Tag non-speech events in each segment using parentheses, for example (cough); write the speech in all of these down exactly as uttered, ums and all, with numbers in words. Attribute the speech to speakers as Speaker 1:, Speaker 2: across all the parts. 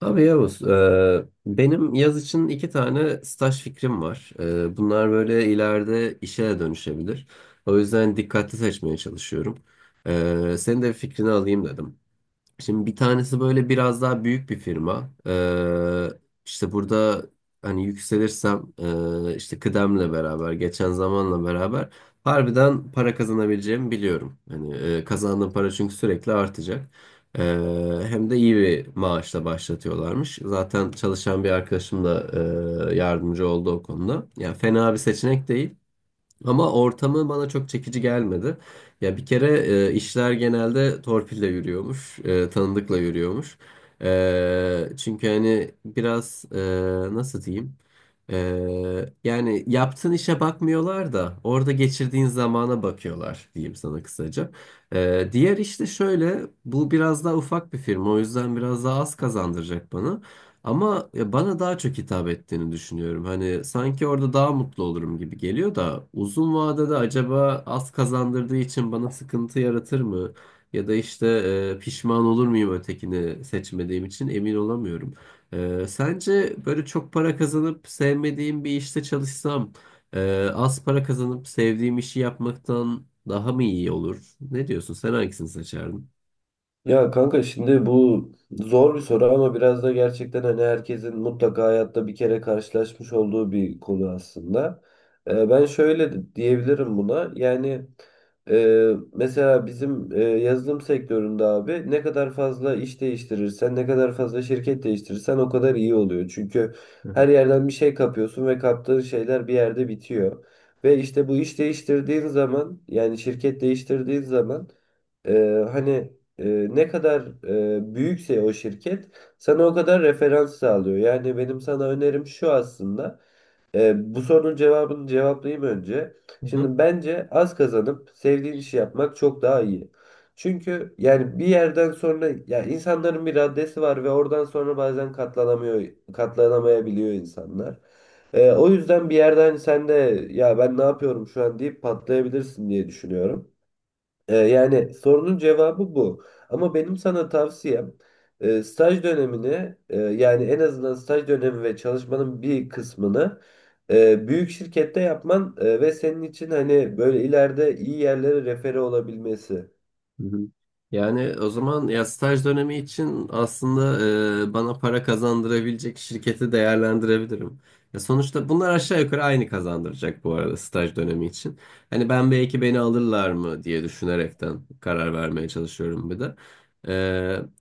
Speaker 1: Abi Yavuz, e, benim yaz için iki tane staj fikrim var. E, bunlar böyle ileride işe de dönüşebilir. O yüzden dikkatli seçmeye çalışıyorum. E, senin de fikrini alayım dedim. Şimdi bir tanesi böyle biraz daha büyük bir firma. Ee, işte burada hani yükselirsem, e, işte kıdemle beraber, geçen zamanla beraber harbiden para kazanabileceğimi biliyorum. Hani e, kazandığım para çünkü sürekli artacak. Ee, Hem de iyi bir maaşla başlatıyorlarmış. Zaten çalışan bir arkadaşım da e, yardımcı oldu o konuda. Yani fena bir seçenek değil. Ama ortamı bana çok çekici gelmedi. Ya bir kere e, işler genelde torpille yürüyormuş, e, tanıdıkla yürüyormuş. E, çünkü hani biraz e, nasıl diyeyim? E, yani yaptığın işe bakmıyorlar da orada geçirdiğin zamana bakıyorlar diyeyim sana kısaca. E, diğer işte şöyle, bu biraz daha ufak bir firma, o yüzden biraz daha az kazandıracak bana. Ama ya bana daha çok hitap ettiğini düşünüyorum. Hani sanki orada daha mutlu olurum gibi geliyor da uzun vadede acaba az kazandırdığı için bana sıkıntı yaratır mı? Ya da işte e, pişman olur muyum ötekini seçmediğim için emin olamıyorum. E, sence böyle çok para kazanıp sevmediğim bir işte çalışsam e, az para kazanıp sevdiğim işi yapmaktan daha mı iyi olur? Ne diyorsun? Sen hangisini seçerdin?
Speaker 2: Ya kanka şimdi bu zor bir soru ama biraz da gerçekten hani herkesin mutlaka hayatta bir kere karşılaşmış olduğu bir konu aslında. Ee, ben şöyle de- diyebilirim buna. Yani e, mesela bizim e, yazılım sektöründe abi ne kadar fazla iş değiştirirsen, ne kadar fazla şirket değiştirirsen o kadar iyi oluyor. Çünkü her
Speaker 1: Hı
Speaker 2: yerden bir şey kapıyorsun ve kaptığın şeyler bir yerde bitiyor. Ve işte bu iş değiştirdiğin zaman yani şirket değiştirdiğin zaman ee, hani e, ne kadar e, büyükse o şirket sana o kadar referans sağlıyor. Yani benim sana önerim şu aslında. E, bu sorunun cevabını cevaplayayım önce.
Speaker 1: hı.
Speaker 2: Şimdi bence az kazanıp sevdiğin işi yapmak çok daha iyi. Çünkü yani bir yerden sonra ya insanların bir raddesi var ve oradan sonra bazen katlanamıyor, katlanamayabiliyor insanlar. E, o yüzden bir yerden sen de ya ben ne yapıyorum şu an deyip patlayabilirsin diye düşünüyorum. Ee, yani sorunun cevabı bu. Ama benim sana tavsiyem e, staj dönemini e, yani en azından staj dönemi ve çalışmanın bir kısmını e, büyük şirkette yapman e, ve senin için hani böyle ileride iyi yerlere refere olabilmesi.
Speaker 1: Hı hı. Yani o zaman ya staj dönemi için aslında e, bana para kazandırabilecek şirketi değerlendirebilirim. Ya sonuçta bunlar aşağı yukarı aynı kazandıracak bu arada staj dönemi için. Hani ben belki beni alırlar mı diye düşünerekten karar vermeye çalışıyorum bir de. E,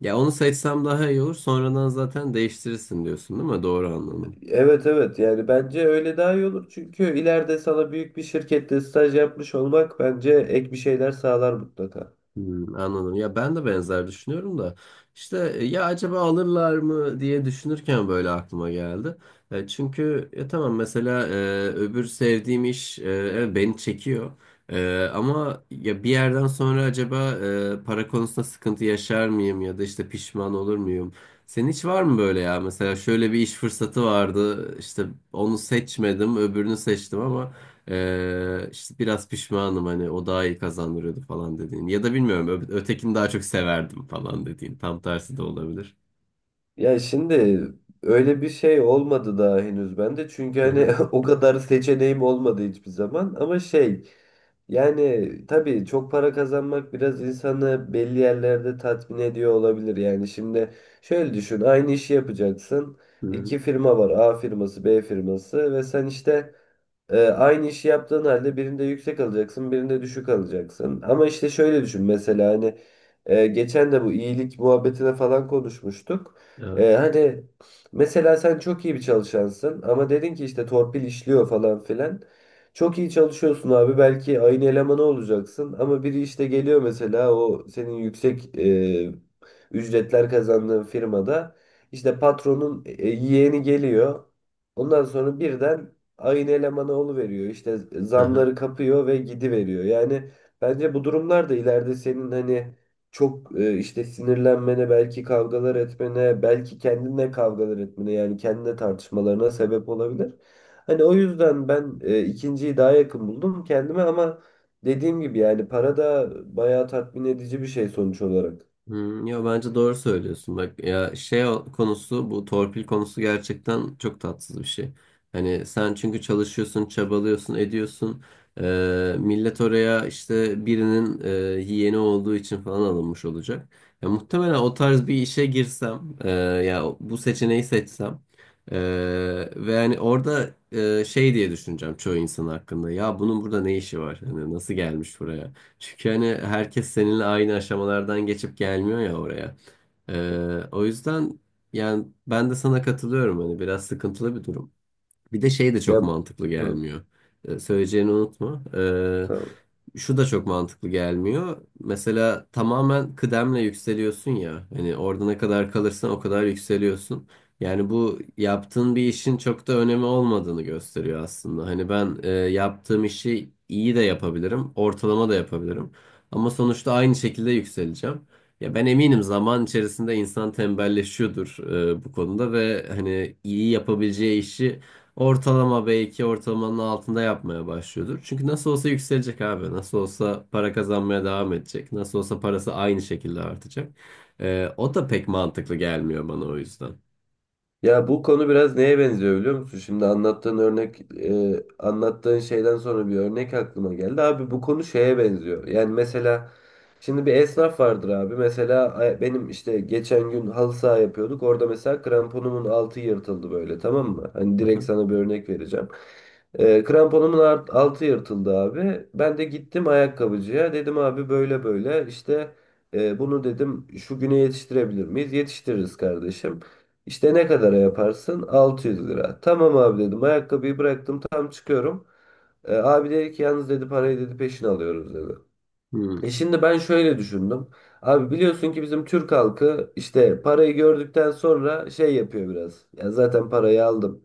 Speaker 1: Ya onu seçsem daha iyi olur. Sonradan zaten değiştirirsin diyorsun değil mi? Doğru anladım.
Speaker 2: Evet evet, yani bence öyle daha iyi olur. Çünkü ileride sana büyük bir şirkette staj yapmış olmak bence ek bir şeyler sağlar mutlaka.
Speaker 1: Hmm, anladım. Ya ben de benzer düşünüyorum da işte, e, ya acaba alırlar mı diye düşünürken böyle aklıma geldi. E, çünkü ya tamam mesela e, öbür sevdiğim iş, e, evet beni çekiyor. E, ama ya bir yerden sonra acaba e, para konusunda sıkıntı yaşar mıyım ya da işte pişman olur muyum? Senin hiç var mı böyle ya? Mesela şöyle bir iş fırsatı vardı. İşte onu seçmedim, öbürünü seçtim ama ee, işte biraz pişmanım hani o daha iyi kazandırıyordu falan dediğin. Ya da bilmiyorum ö- ötekini daha çok severdim falan dediğin. Tam tersi de olabilir.
Speaker 2: Ya şimdi öyle bir şey olmadı daha henüz bende. Çünkü
Speaker 1: Hı
Speaker 2: hani
Speaker 1: hı.
Speaker 2: (laughs) o kadar seçeneğim olmadı hiçbir zaman. Ama şey, yani tabii çok para kazanmak biraz insanı belli yerlerde tatmin ediyor olabilir. Yani şimdi şöyle düşün, aynı işi yapacaksın.
Speaker 1: Hı hı.
Speaker 2: İki firma var, A firması B firması, ve sen işte ee, aynı işi yaptığın halde birinde yüksek alacaksın, birinde düşük alacaksın. Ama işte şöyle düşün mesela hani e, geçen de bu iyilik muhabbetine falan konuşmuştuk. Ee,
Speaker 1: Evet.
Speaker 2: hani mesela sen çok iyi bir çalışansın ama dedin ki işte torpil işliyor falan filan. Çok iyi çalışıyorsun abi, belki aynı elemanı olacaksın ama biri işte geliyor mesela, o senin yüksek e, ücretler kazandığın firmada işte patronun e, yeğeni geliyor. Ondan sonra birden aynı elemanı veriyor, işte zamları
Speaker 1: (laughs)
Speaker 2: kapıyor ve gidiveriyor. Yani bence bu durumlar da ileride senin hani çok e, işte sinirlenmene, belki kavgalar etmene, belki kendinle kavgalar etmene yani kendine tartışmalarına sebep olabilir. Hani o yüzden ben e, ikinciyi daha yakın buldum kendime, ama dediğim gibi yani para da bayağı tatmin edici bir şey sonuç olarak.
Speaker 1: Hmm, ya bence doğru söylüyorsun bak ya şey o- konusu, bu torpil konusu gerçekten çok tatsız bir şey. Hani sen çünkü çalışıyorsun, çabalıyorsun, ediyorsun. Ee, millet oraya işte birinin e, yeğeni olduğu için falan alınmış olacak. Ya muhtemelen o tarz bir işe girsem, e, ya bu seçeneği seçsem e, ve yani orada e, şey diye düşüneceğim çoğu insan hakkında. Ya bunun burada ne işi var? Hani nasıl gelmiş buraya? Çünkü hani herkes seninle aynı aşamalardan geçip gelmiyor ya oraya. Ee, o yüzden yani ben de sana katılıyorum, hani biraz sıkıntılı bir durum. Bir de şey de
Speaker 2: Ya,
Speaker 1: çok mantıklı
Speaker 2: hı,
Speaker 1: gelmiyor. Ee, söyleyeceğini unutma. Ee,
Speaker 2: tamam.
Speaker 1: şu da çok mantıklı gelmiyor. Mesela tamamen kıdemle yükseliyorsun ya. Hani orada ne kadar kalırsan o kadar yükseliyorsun. Yani bu yaptığın bir işin çok da önemi olmadığını gösteriyor aslında. Hani ben e, yaptığım işi iyi de yapabilirim, ortalama da yapabilirim. Ama sonuçta aynı şekilde yükseleceğim. Ya ben eminim zaman içerisinde insan tembelleşiyordur e, bu konuda ve hani iyi yapabileceği işi ortalama, belki ortalamanın altında yapmaya başlıyordur. Çünkü nasıl olsa yükselecek abi. Nasıl olsa para kazanmaya devam edecek. Nasıl olsa parası aynı şekilde artacak. Ee, o da pek mantıklı gelmiyor bana o yüzden.
Speaker 2: Ya bu konu biraz neye benziyor biliyor musun? Şimdi anlattığın örnek, e, anlattığın şeyden sonra bir örnek aklıma geldi. Abi bu konu şeye benziyor. Yani mesela şimdi bir esnaf vardır abi. Mesela ay- benim işte geçen gün halı saha yapıyorduk. Orada mesela kramponumun altı yırtıldı böyle, tamam mı? Hani
Speaker 1: Hı
Speaker 2: direkt
Speaker 1: hı.
Speaker 2: sana bir örnek vereceğim. E, kramponumun art- altı yırtıldı abi. Ben de gittim ayakkabıcıya. Dedim abi, böyle böyle işte e, bunu dedim şu güne yetiştirebilir miyiz? Yetiştiririz kardeşim. İşte ne kadara yaparsın? altı yüz lira. Tamam abi dedim. Ayakkabıyı bıraktım. Tam çıkıyorum. E, abi dedi ki, yalnız dedi, parayı dedi peşin alıyoruz dedi.
Speaker 1: Hı
Speaker 2: E şimdi ben şöyle düşündüm. Abi biliyorsun ki bizim Türk halkı işte parayı gördükten sonra şey yapıyor biraz. Ya zaten parayı aldım,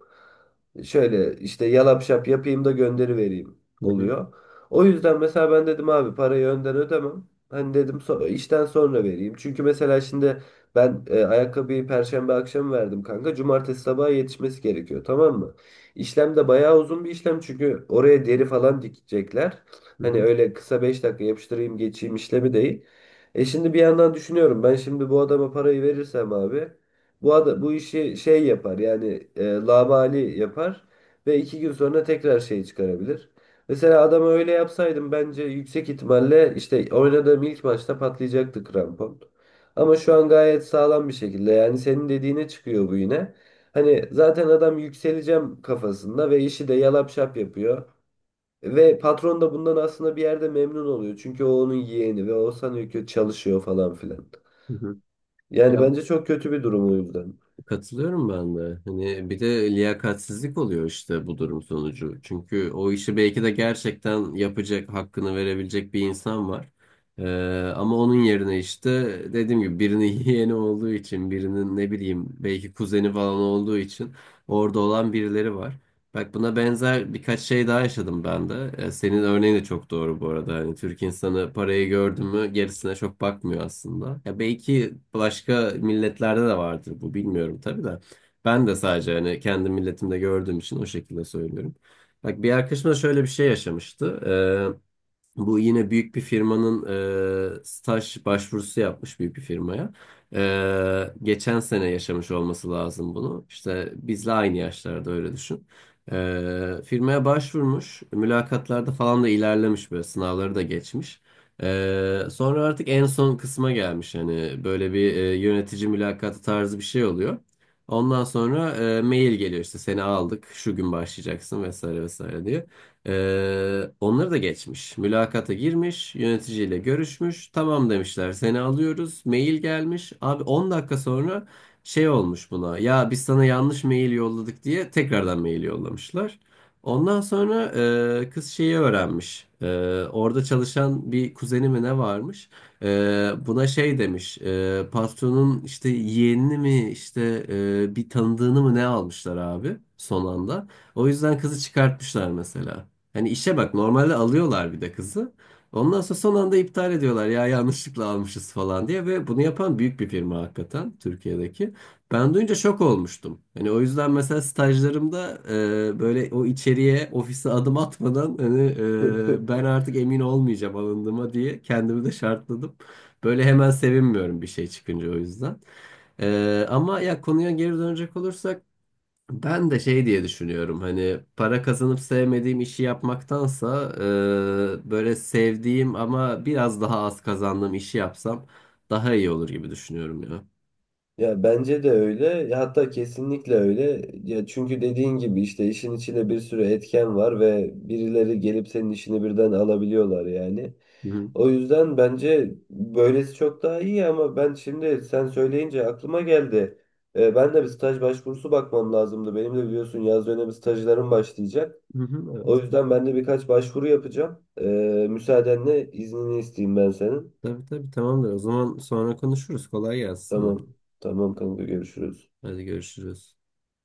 Speaker 2: şöyle işte yalap şap yapayım da gönderivereyim
Speaker 1: hı.
Speaker 2: oluyor. O yüzden mesela ben dedim abi parayı önden ödemem. Hani dedim so- işten sonra vereyim. Çünkü mesela şimdi ben e, ayakkabıyı perşembe akşamı verdim kanka. Cumartesi sabaha yetişmesi gerekiyor, tamam mı? İşlem de bayağı uzun bir işlem çünkü oraya deri falan dikecekler.
Speaker 1: Hı
Speaker 2: Hani
Speaker 1: hı.
Speaker 2: öyle kısa beş dakika yapıştırayım geçeyim işlemi değil. E şimdi bir yandan düşünüyorum, ben şimdi bu adama parayı verirsem abi bu ada, bu işi şey yapar yani, e, labali yapar ve iki gün sonra tekrar şey çıkarabilir. Mesela adama öyle yapsaydım bence yüksek ihtimalle işte oynadığım ilk maçta patlayacaktı krampon. Ama şu an gayet sağlam bir şekilde, yani senin dediğine çıkıyor bu yine. Hani zaten adam yükseleceğim kafasında ve işi de yalap şap yapıyor. Ve patron da bundan aslında bir yerde memnun oluyor. Çünkü o onun yeğeni ve o sanıyor ki çalışıyor falan filan.
Speaker 1: Hı hı.
Speaker 2: Yani
Speaker 1: Ya,
Speaker 2: bence çok kötü bir durum o yüzden.
Speaker 1: katılıyorum ben de. Hani bir de liyakatsizlik oluyor işte bu durum sonucu. Çünkü o işi belki de gerçekten yapacak, hakkını verebilecek bir insan var. Ee, Ama onun yerine işte, dediğim gibi, birinin (laughs) yeğeni olduğu için, birinin ne bileyim belki kuzeni falan olduğu için orada olan birileri var. Bak, buna benzer birkaç şey daha yaşadım ben de. E, senin örneğin de çok doğru bu arada. Hani Türk insanı parayı gördü mü gerisine çok bakmıyor aslında. Ya belki başka milletlerde de vardır bu, bilmiyorum tabii de. Ben de sadece hani kendi milletimde gördüğüm için o şekilde söylüyorum. Bak, bir arkadaşım da şöyle bir şey yaşamıştı. E, Bu yine büyük bir firmanın, e, staj başvurusu yapmış büyük bir firmaya. E, geçen sene yaşamış olması lazım bunu. İşte bizle aynı yaşlarda öyle düşün. E, firmaya başvurmuş. Mülakatlarda falan da ilerlemiş böyle, sınavları da geçmiş. E, sonra artık en son kısma gelmiş. Hani böyle bir e, yönetici mülakatı tarzı bir şey oluyor. Ondan sonra e, mail geliyor işte, seni aldık şu gün başlayacaksın vesaire vesaire diye. Ee, onları da geçmiş. Mülakata girmiş, yöneticiyle görüşmüş. Tamam demişler, seni alıyoruz. Mail gelmiş. Abi on dakika sonra şey olmuş buna. Ya biz sana yanlış mail yolladık diye tekrardan mail yollamışlar. Ondan sonra e, kız şeyi öğrenmiş. E, orada çalışan bir kuzeni mi ne varmış? E, Buna şey demiş. E, patronun işte yeğenini mi, işte e, bir tanıdığını mı ne almışlar abi son anda. O yüzden kızı çıkartmışlar mesela. Hani işe bak, normalde alıyorlar bir de kızı. Ondan sonra son anda iptal ediyorlar, ya yanlışlıkla almışız falan diye, ve bunu yapan büyük bir firma hakikaten Türkiye'deki. Ben duyunca şok olmuştum. Hani o yüzden mesela stajlarımda e, böyle o içeriye ofise adım atmadan hani, e, ben
Speaker 2: (laughs)
Speaker 1: artık emin olmayacağım alındığıma diye kendimi de şartladım. Böyle hemen sevinmiyorum bir şey çıkınca o yüzden. E, ama ya konuya geri dönecek olursak, ben de şey diye düşünüyorum: hani para kazanıp sevmediğim işi yapmaktansa e, böyle sevdiğim ama biraz daha az kazandığım işi yapsam daha iyi olur gibi düşünüyorum ya.
Speaker 2: Ya bence de öyle. Ya hatta kesinlikle öyle. Ya çünkü dediğin gibi işte işin içinde bir sürü etken var ve birileri gelip senin işini birden alabiliyorlar yani.
Speaker 1: Hı hı.
Speaker 2: O yüzden bence böylesi çok daha iyi, ama ben şimdi sen söyleyince aklıma geldi. Ee, ben de bir staj başvurusu bakmam lazımdı. Benim de biliyorsun yaz dönemi stajlarım başlayacak.
Speaker 1: Hı hı,
Speaker 2: O
Speaker 1: evet.
Speaker 2: yüzden ben de birkaç başvuru yapacağım. Ee, müsaadenle iznini isteyeyim ben senin.
Speaker 1: Tabii tabii, tamamdır. O zaman sonra konuşuruz. Kolay gelsin sana.
Speaker 2: Tamam. Tamam kanka, görüşürüz.
Speaker 1: Hadi görüşürüz.